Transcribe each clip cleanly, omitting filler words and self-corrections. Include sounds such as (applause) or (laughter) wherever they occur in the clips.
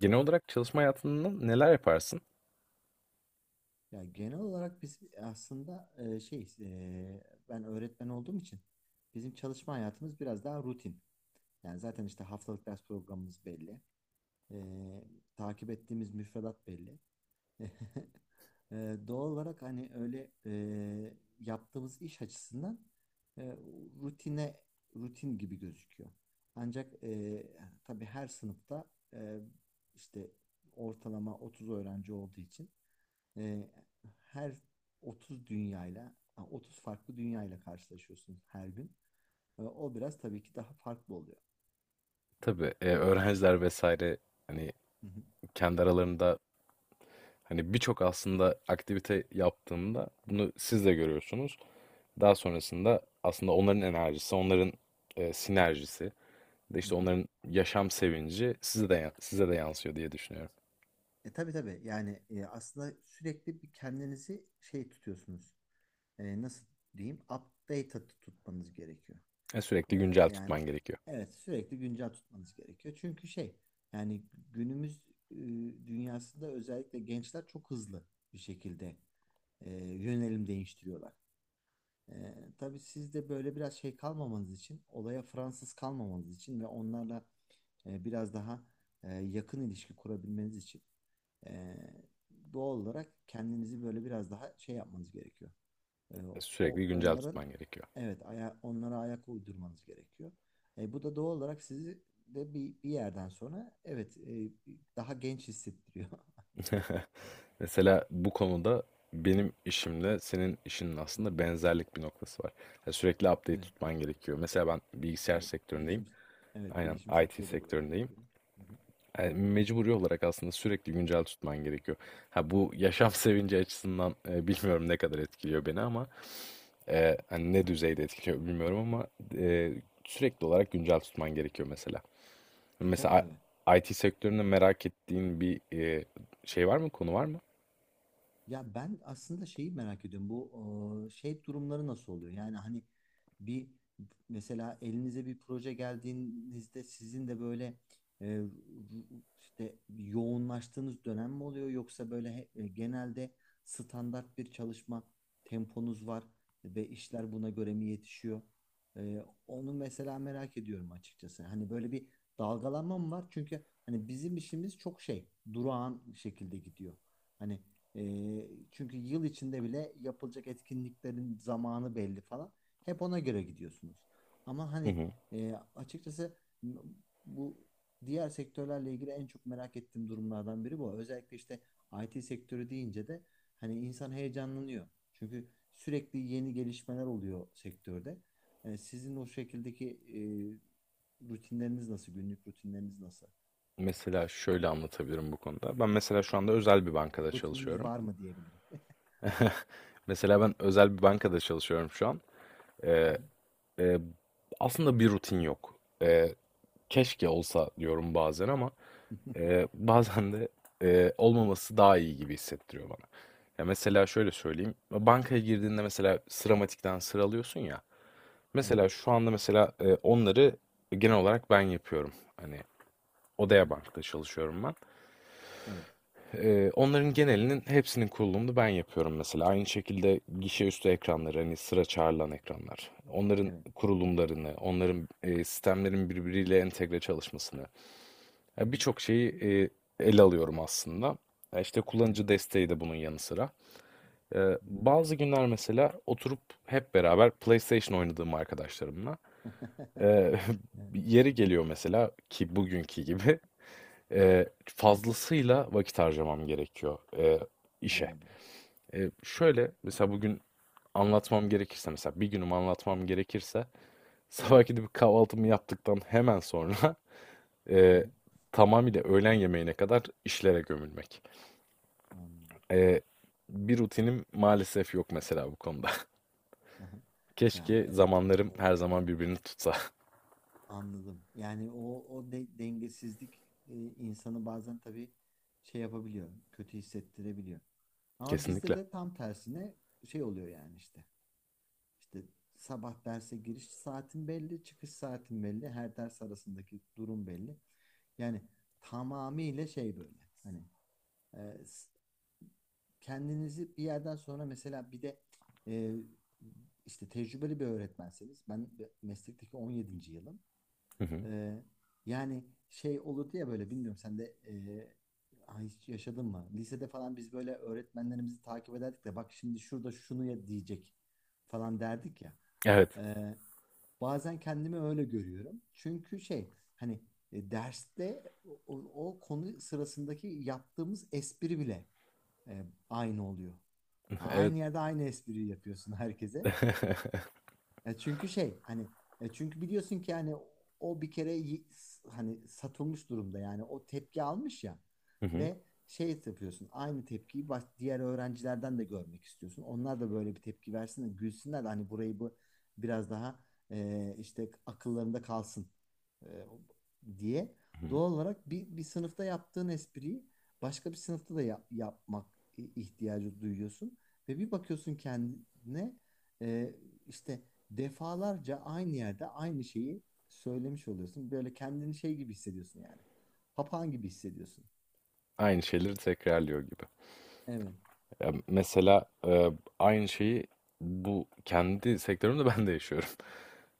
Genel olarak çalışma hayatında neler yaparsın? Ya genel olarak biz aslında ben öğretmen olduğum için bizim çalışma hayatımız biraz daha rutin. Yani zaten işte haftalık ders programımız belli. E, Takip ettiğimiz müfredat belli. (laughs) E, Doğal olarak hani öyle yaptığımız iş açısından e, rutine rutin gibi gözüküyor. Ancak tabii her sınıfta e, işte ortalama 30 öğrenci olduğu için e, her 30 farklı dünyayla karşılaşıyorsun her gün. O biraz tabii ki daha farklı oluyor. Tabii, öğrenciler vesaire, hani, Hı hı, kendi aralarında, hani, birçok aslında aktivite yaptığında bunu siz de görüyorsunuz. Daha sonrasında aslında onların enerjisi, onların, sinerjisi de, hı işte, hı. onların yaşam sevinci size de ya size de yansıyor diye düşünüyorum. Tabii tabii yani aslında sürekli bir kendinizi şey tutuyorsunuz. Nasıl diyeyim? Updated tutmanız gerekiyor. E, Sürekli güncel Yani tutman gerekiyor. evet sürekli güncel tutmanız gerekiyor. Çünkü şey yani günümüz e, dünyasında özellikle gençler çok hızlı bir şekilde yönelim değiştiriyorlar. Tabii siz de böyle biraz şey kalmamanız için, olaya Fransız kalmamanız için ve onlarla biraz daha yakın ilişki kurabilmeniz için e, doğal olarak kendinizi böyle biraz daha şey yapmanız gerekiyor. E, o Sürekli güncel onların tutman gerekiyor. Evet, onlara ayak uydurmanız gerekiyor. Bu da doğal olarak sizi de bir yerden sonra, evet, daha genç hissettiriyor. (laughs) Mesela bu konuda benim işimle senin işinin (laughs) Hı hı. aslında benzerlik bir noktası var. Yani sürekli update Evet, tutman gerekiyor. Mesela ben bilgisayar evet sektöründeyim. bilişim evet Aynen bilişim IT sektörü de buna sektöründeyim. gerektiriyor. Hı hı. Yani mecburi olarak aslında sürekli güncel tutman gerekiyor. Ha bu yaşam (laughs) sevinci açısından bilmiyorum ne kadar etkiliyor beni ama hani ne düzeyde etkiliyor bilmiyorum ama e, sürekli olarak güncel tutman gerekiyor mesela. Tabii Mesela tabii. IT sektöründe merak ettiğin bir şey var mı? Konu var mı? Ya ben aslında şeyi merak ediyorum. Bu şey durumları nasıl oluyor? Yani hani bir mesela elinize bir proje geldiğinizde sizin de böyle e, işte yoğunlaştığınız dönem mi oluyor, yoksa böyle genelde standart bir çalışma temponuz var ve işler buna göre mi yetişiyor? Onu mesela merak ediyorum açıkçası. Hani böyle bir dalgalanma mı var? Çünkü hani bizim işimiz çok şey, durağan şekilde gidiyor. Hani çünkü yıl içinde bile yapılacak etkinliklerin zamanı belli falan. Hep ona göre gidiyorsunuz. Ama Hı hani hı. Açıkçası m- bu diğer sektörlerle ilgili en çok merak ettiğim durumlardan biri bu. Özellikle işte IT sektörü deyince de hani insan heyecanlanıyor. Çünkü sürekli yeni gelişmeler oluyor sektörde. Sizin o şekildeki rutinleriniz nasıl? Günlük rutinleriniz nasıl? Mesela şöyle anlatabilirim bu konuda. Ben mesela şu anda özel bir Ya da bankada rutininiz çalışıyorum. var mı diyebilirim. Mesela ben özel bir bankada çalışıyorum şu an. Hı Ee, hı. e, Aslında bir rutin yok. Ee, Keşke olsa diyorum bazen ama (laughs) bazen de olmaması daha iyi gibi hissettiriyor bana. Ya mesela şöyle söyleyeyim. Bankaya girdiğinde mesela sıramatikten sıralıyorsun ya. Evet. Mesela şu anda mesela onları genel olarak ben yapıyorum. Hani Hı Odea hı. Bank'ta çalışıyorum ben. Evet. Onların genelinin hepsinin kurulumunu ben yapıyorum mesela. Aynı şekilde Hı gişe hı. üstü ekranları, hani sıra çağrılan ekranlar. Onların Evet. kurulumlarını, onların sistemlerin birbiriyle entegre çalışmasını. Hı Yani hı. birçok şeyi ele alıyorum aslında. Ya İşte Evet. kullanıcı desteği de bunun yanı sıra. Hı hı. Bazı günler mesela oturup hep beraber PlayStation oynadığım arkadaşlarımla. eee, (laughs) (laughs) yeri geliyor mesela ki bugünkü gibi (laughs) Evet. fazlasıyla vakit harcamam gerekiyor işe. Anladım. Hı hı. Şöyle mesela bugün anlatmam gerekirse mesela bir günümü anlatmam gerekirse (laughs) Evet. sabah gidip kahvaltımı yaptıktan hemen sonra (laughs) Hı e, hı. tamamıyla öğlen yemeğine kadar işlere gömülmek. Anladım. E, Bir rutinim maalesef yok mesela bu konuda. Hı hı. (laughs) Ya, Keşke evet. zamanlarım her O, zaman birbirini tutsa. anladım. Yani o dengesizlik insanı bazen tabii şey yapabiliyor, kötü hissettirebiliyor. (laughs) Ama bizde Kesinlikle. de tam tersine şey oluyor yani, işte. İşte sabah derse giriş saatin belli, çıkış saatin belli, her ders arasındaki durum belli. Yani tamamıyla şey böyle. Hani Ee, s- kendinizi bir yerden sonra, mesela bir de e, işte tecrübeli bir öğretmenseniz, ben meslekteki 17. yılım. Hı hı. Ee, Yani şey olurdu ya böyle, bilmiyorum sen de ha, hiç yaşadın mı? Lisede falan biz böyle öğretmenlerimizi takip ederdik de, bak şimdi şurada şunu ya diyecek falan derdik ya. Evet. Ee, Bazen kendimi öyle görüyorum. Çünkü şey hani derste o konu sırasındaki yaptığımız espri bile aynı oluyor. Ha, (laughs) Evet. aynı yerde aynı espriyi yapıyorsun herkese. (laughs) E çünkü şey hani Çünkü biliyorsun ki hani o bir kere hani satılmış durumda yani, o tepki almış ya, Hı hı. ve şey yapıyorsun, aynı tepkiyi diğer öğrencilerden de görmek istiyorsun. Onlar da böyle bir tepki versin de gülsünler de hani, burayı bu biraz daha işte akıllarında kalsın e, diye. Hı hı. Doğal olarak bir sınıfta yaptığın espriyi başka bir sınıfta da yapmak ihtiyacı duyuyorsun ve bir bakıyorsun kendine e, işte defalarca aynı yerde aynı şeyi söylemiş oluyorsun. Böyle kendini şey gibi hissediyorsun yani. Papağan gibi hissediyorsun. Aynı şeyleri tekrarlıyor gibi. Evet. Ya mesela aynı şeyi bu kendi sektörümde (laughs) ben de yaşıyorum. (laughs)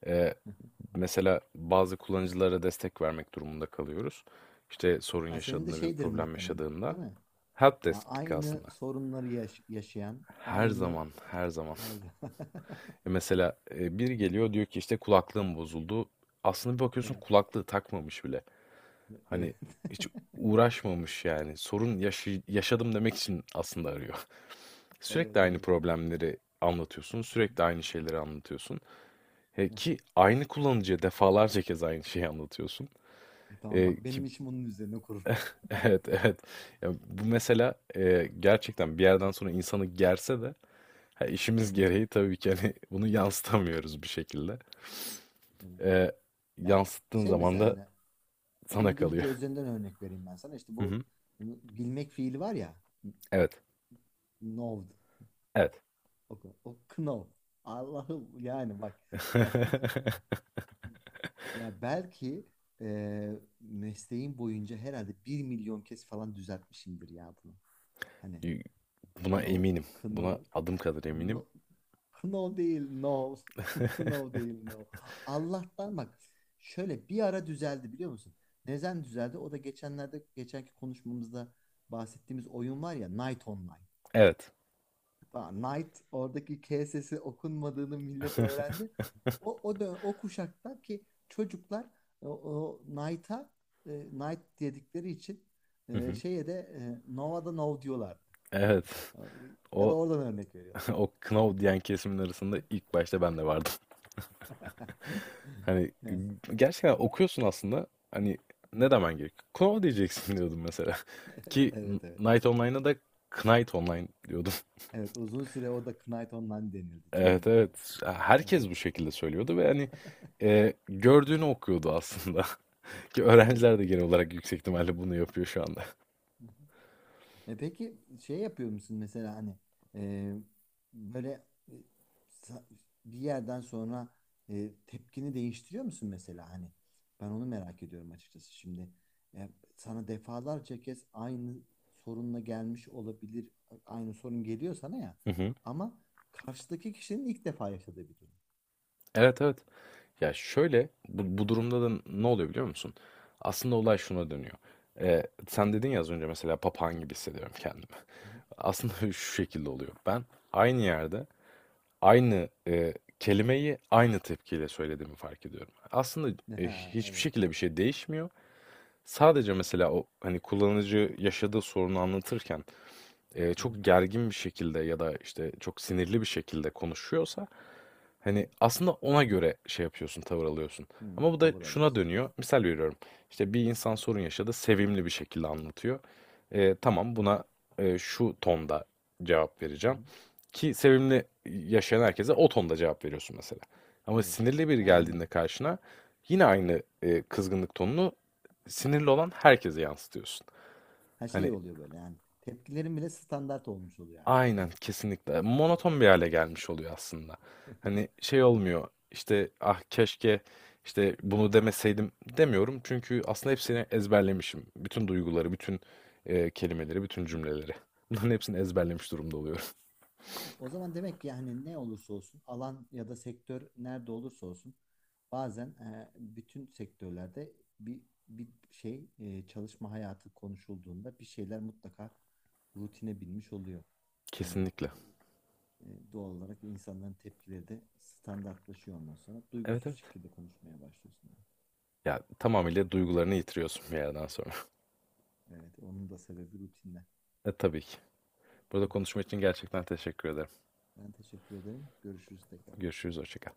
E, (laughs) Mesela bazı kullanıcılara destek vermek durumunda kalıyoruz. İşte sorun Ha, senin de yaşadığında, bir şeydir problem muhtemelen, yaşadığında değil mi? Ya, helpdesk aynı aslında. sorunları yaşayan, Her aynı, zaman, her zaman. her zaman. (laughs) Mesela biri geliyor diyor ki işte kulaklığım bozuldu. Aslında bir bakıyorsun Evet. kulaklığı takmamış bile. Evet. Hani hiç (laughs) uğraşmamış yani. Yaşadım demek için aslında arıyor. (laughs) Sürekli Evet, aynı evet. problemleri anlatıyorsun, sürekli aynı şeyleri anlatıyorsun. Hı hı. Ki aynı kullanıcıya defalarca kez aynı şeyi anlatıyorsun. Tamam E, bak, ki benim işim onun üzerine kurulu. (laughs) evet, evet. Ya bu mesela gerçekten bir yerden sonra insanı gerse de ha, işimiz Evet, gereği tabii ki hani (laughs) bunu yansıtamıyoruz bir şekilde. evet. E, Ya Yansıttığın şey, zaman mesela da hani sana kalıyor. İngilizce üzerinden örnek vereyim ben sana. İşte (laughs) Hı bu hı. bilmek fiili var ya. Evet. Know. Evet. O, o Knopf. Allah'ım yani bak, (laughs) yani (laughs) ya, belki mesleğim boyunca herhalde bir milyon kez falan düzeltmişimdir ya bunu. Hani Y- Buna Knopf, eminim. Buna Knopf, adım kadar eminim. no, Knopf değil, no. (laughs) Knopf (laughs) değil, no. Allah'tan bak, şöyle bir ara düzeldi, biliyor musun? Neden düzeldi? O da geçenlerde, geçenki konuşmamızda bahsettiğimiz oyun var ya, Night Online. Evet. Daha Knight, oradaki K sesi okunmadığını millet öğrendi. (laughs) O kuşakta ki çocuklar o, o Knight'a Knight dedikleri için Hı hı. şeye de Nova'da Nov diyorlardı. Evet. E, Ya da O oradan örnek veriyorum. (laughs) o Knauf diyen kesimin arasında ilk başta ben de vardım. (laughs) (laughs) Hani Ya. Gerçekten okuyorsun aslında. Hani Hı hı. ne demen gerek? Knauf diyeceksin (laughs) diyordum mesela. (laughs) Ki Evet, evet. Night Online'a da Knight Online diyordum. (laughs) Evet, uzun süre o da Knight Online denildi canım Evet, yani. evet. Hı hı. Herkes bu şekilde söylüyordu ve hani gördüğünü okuyordu aslında. (laughs) Ki Evet, evet. öğrenciler de genel olarak yüksek Hı ihtimalle bunu yapıyor şu anda. hı. Peki şey yapıyor musun mesela, hani e, böyle sa- bir yerden sonra tepkini değiştiriyor musun, mesela hani ben onu merak ediyorum açıkçası şimdi. E, Sana defalarca kez aynı sorunla gelmiş olabilir, aynı sorun geliyor sana ya, Hı hı. ama karşıdaki kişinin ilk defa yaşadığı bir durum. Evet, evet. Ya şöyle bu, bu durumda da ne oluyor biliyor musun? Aslında olay şuna dönüyor. Sen dedin ya az önce mesela papağan gibi hissediyorum kendimi. (laughs) Hı hı. Aslında şu şekilde oluyor. Ben aynı yerde aynı kelimeyi aynı tepkiyle söylediğimi fark ediyorum. Aslında (laughs) Ha, hiçbir evet. şekilde bir şey değişmiyor. Sadece mesela o hani kullanıcı yaşadığı sorunu anlatırken Hı hı. çok gergin bir şekilde ya da işte çok sinirli bir şekilde konuşuyorsa Hı hı. hani aslında ona göre şey yapıyorsun, tavır alıyorsun. Hı, Ama bu da tavır şuna alıyorsun. dönüyor. Misal veriyorum. İşte bir insan sorun yaşadı, sevimli bir şekilde anlatıyor. Tamam, Hı hı. buna şu tonda cevap Hı vereceğim. hı. Ki sevimli yaşayan herkese o tonda cevap veriyorsun mesela. Ama Evet. sinirli biri Ha, geldiğinde anladım. karşına yine aynı kızgınlık tonunu sinirli olan herkese yansıtıyorsun. Her şey Hani oluyor böyle yani. Tepkilerim bile standart olmuş oluyor artık aynen, yani. kesinlikle. Hı hı. Monoton bir hale gelmiş oluyor aslında. (laughs) Hani şey Evet. olmuyor işte, ah keşke işte bunu demeseydim demiyorum. Çünkü aslında hepsini ezberlemişim. Bütün duyguları, bütün kelimeleri, Hı bütün hı. cümleleri. Bunların hepsini ezberlemiş durumda oluyorum. (laughs) Ya, o zaman demek ki yani, ne olursa olsun alan ya da sektör nerede olursa olsun, bazen bütün sektörlerde bir bir şey çalışma hayatı konuşulduğunda bir şeyler mutlaka rutine binmiş oluyor. Hani Kesinlikle. e, doğal olarak insanların tepkileri de standartlaşıyor, ondan sonra Evet, duygusuz evet. şekilde konuşmaya başlıyorsun, yani. Ya tamamıyla duygularını yitiriyorsun bir yerden sonra. (laughs) Evet, onun da sebebi rutinler. Tabii ki. Burada konuşma için gerçekten teşekkür ederim. Ben teşekkür ederim. Görüşürüz tekrar. Görüşürüz, hoşça kal.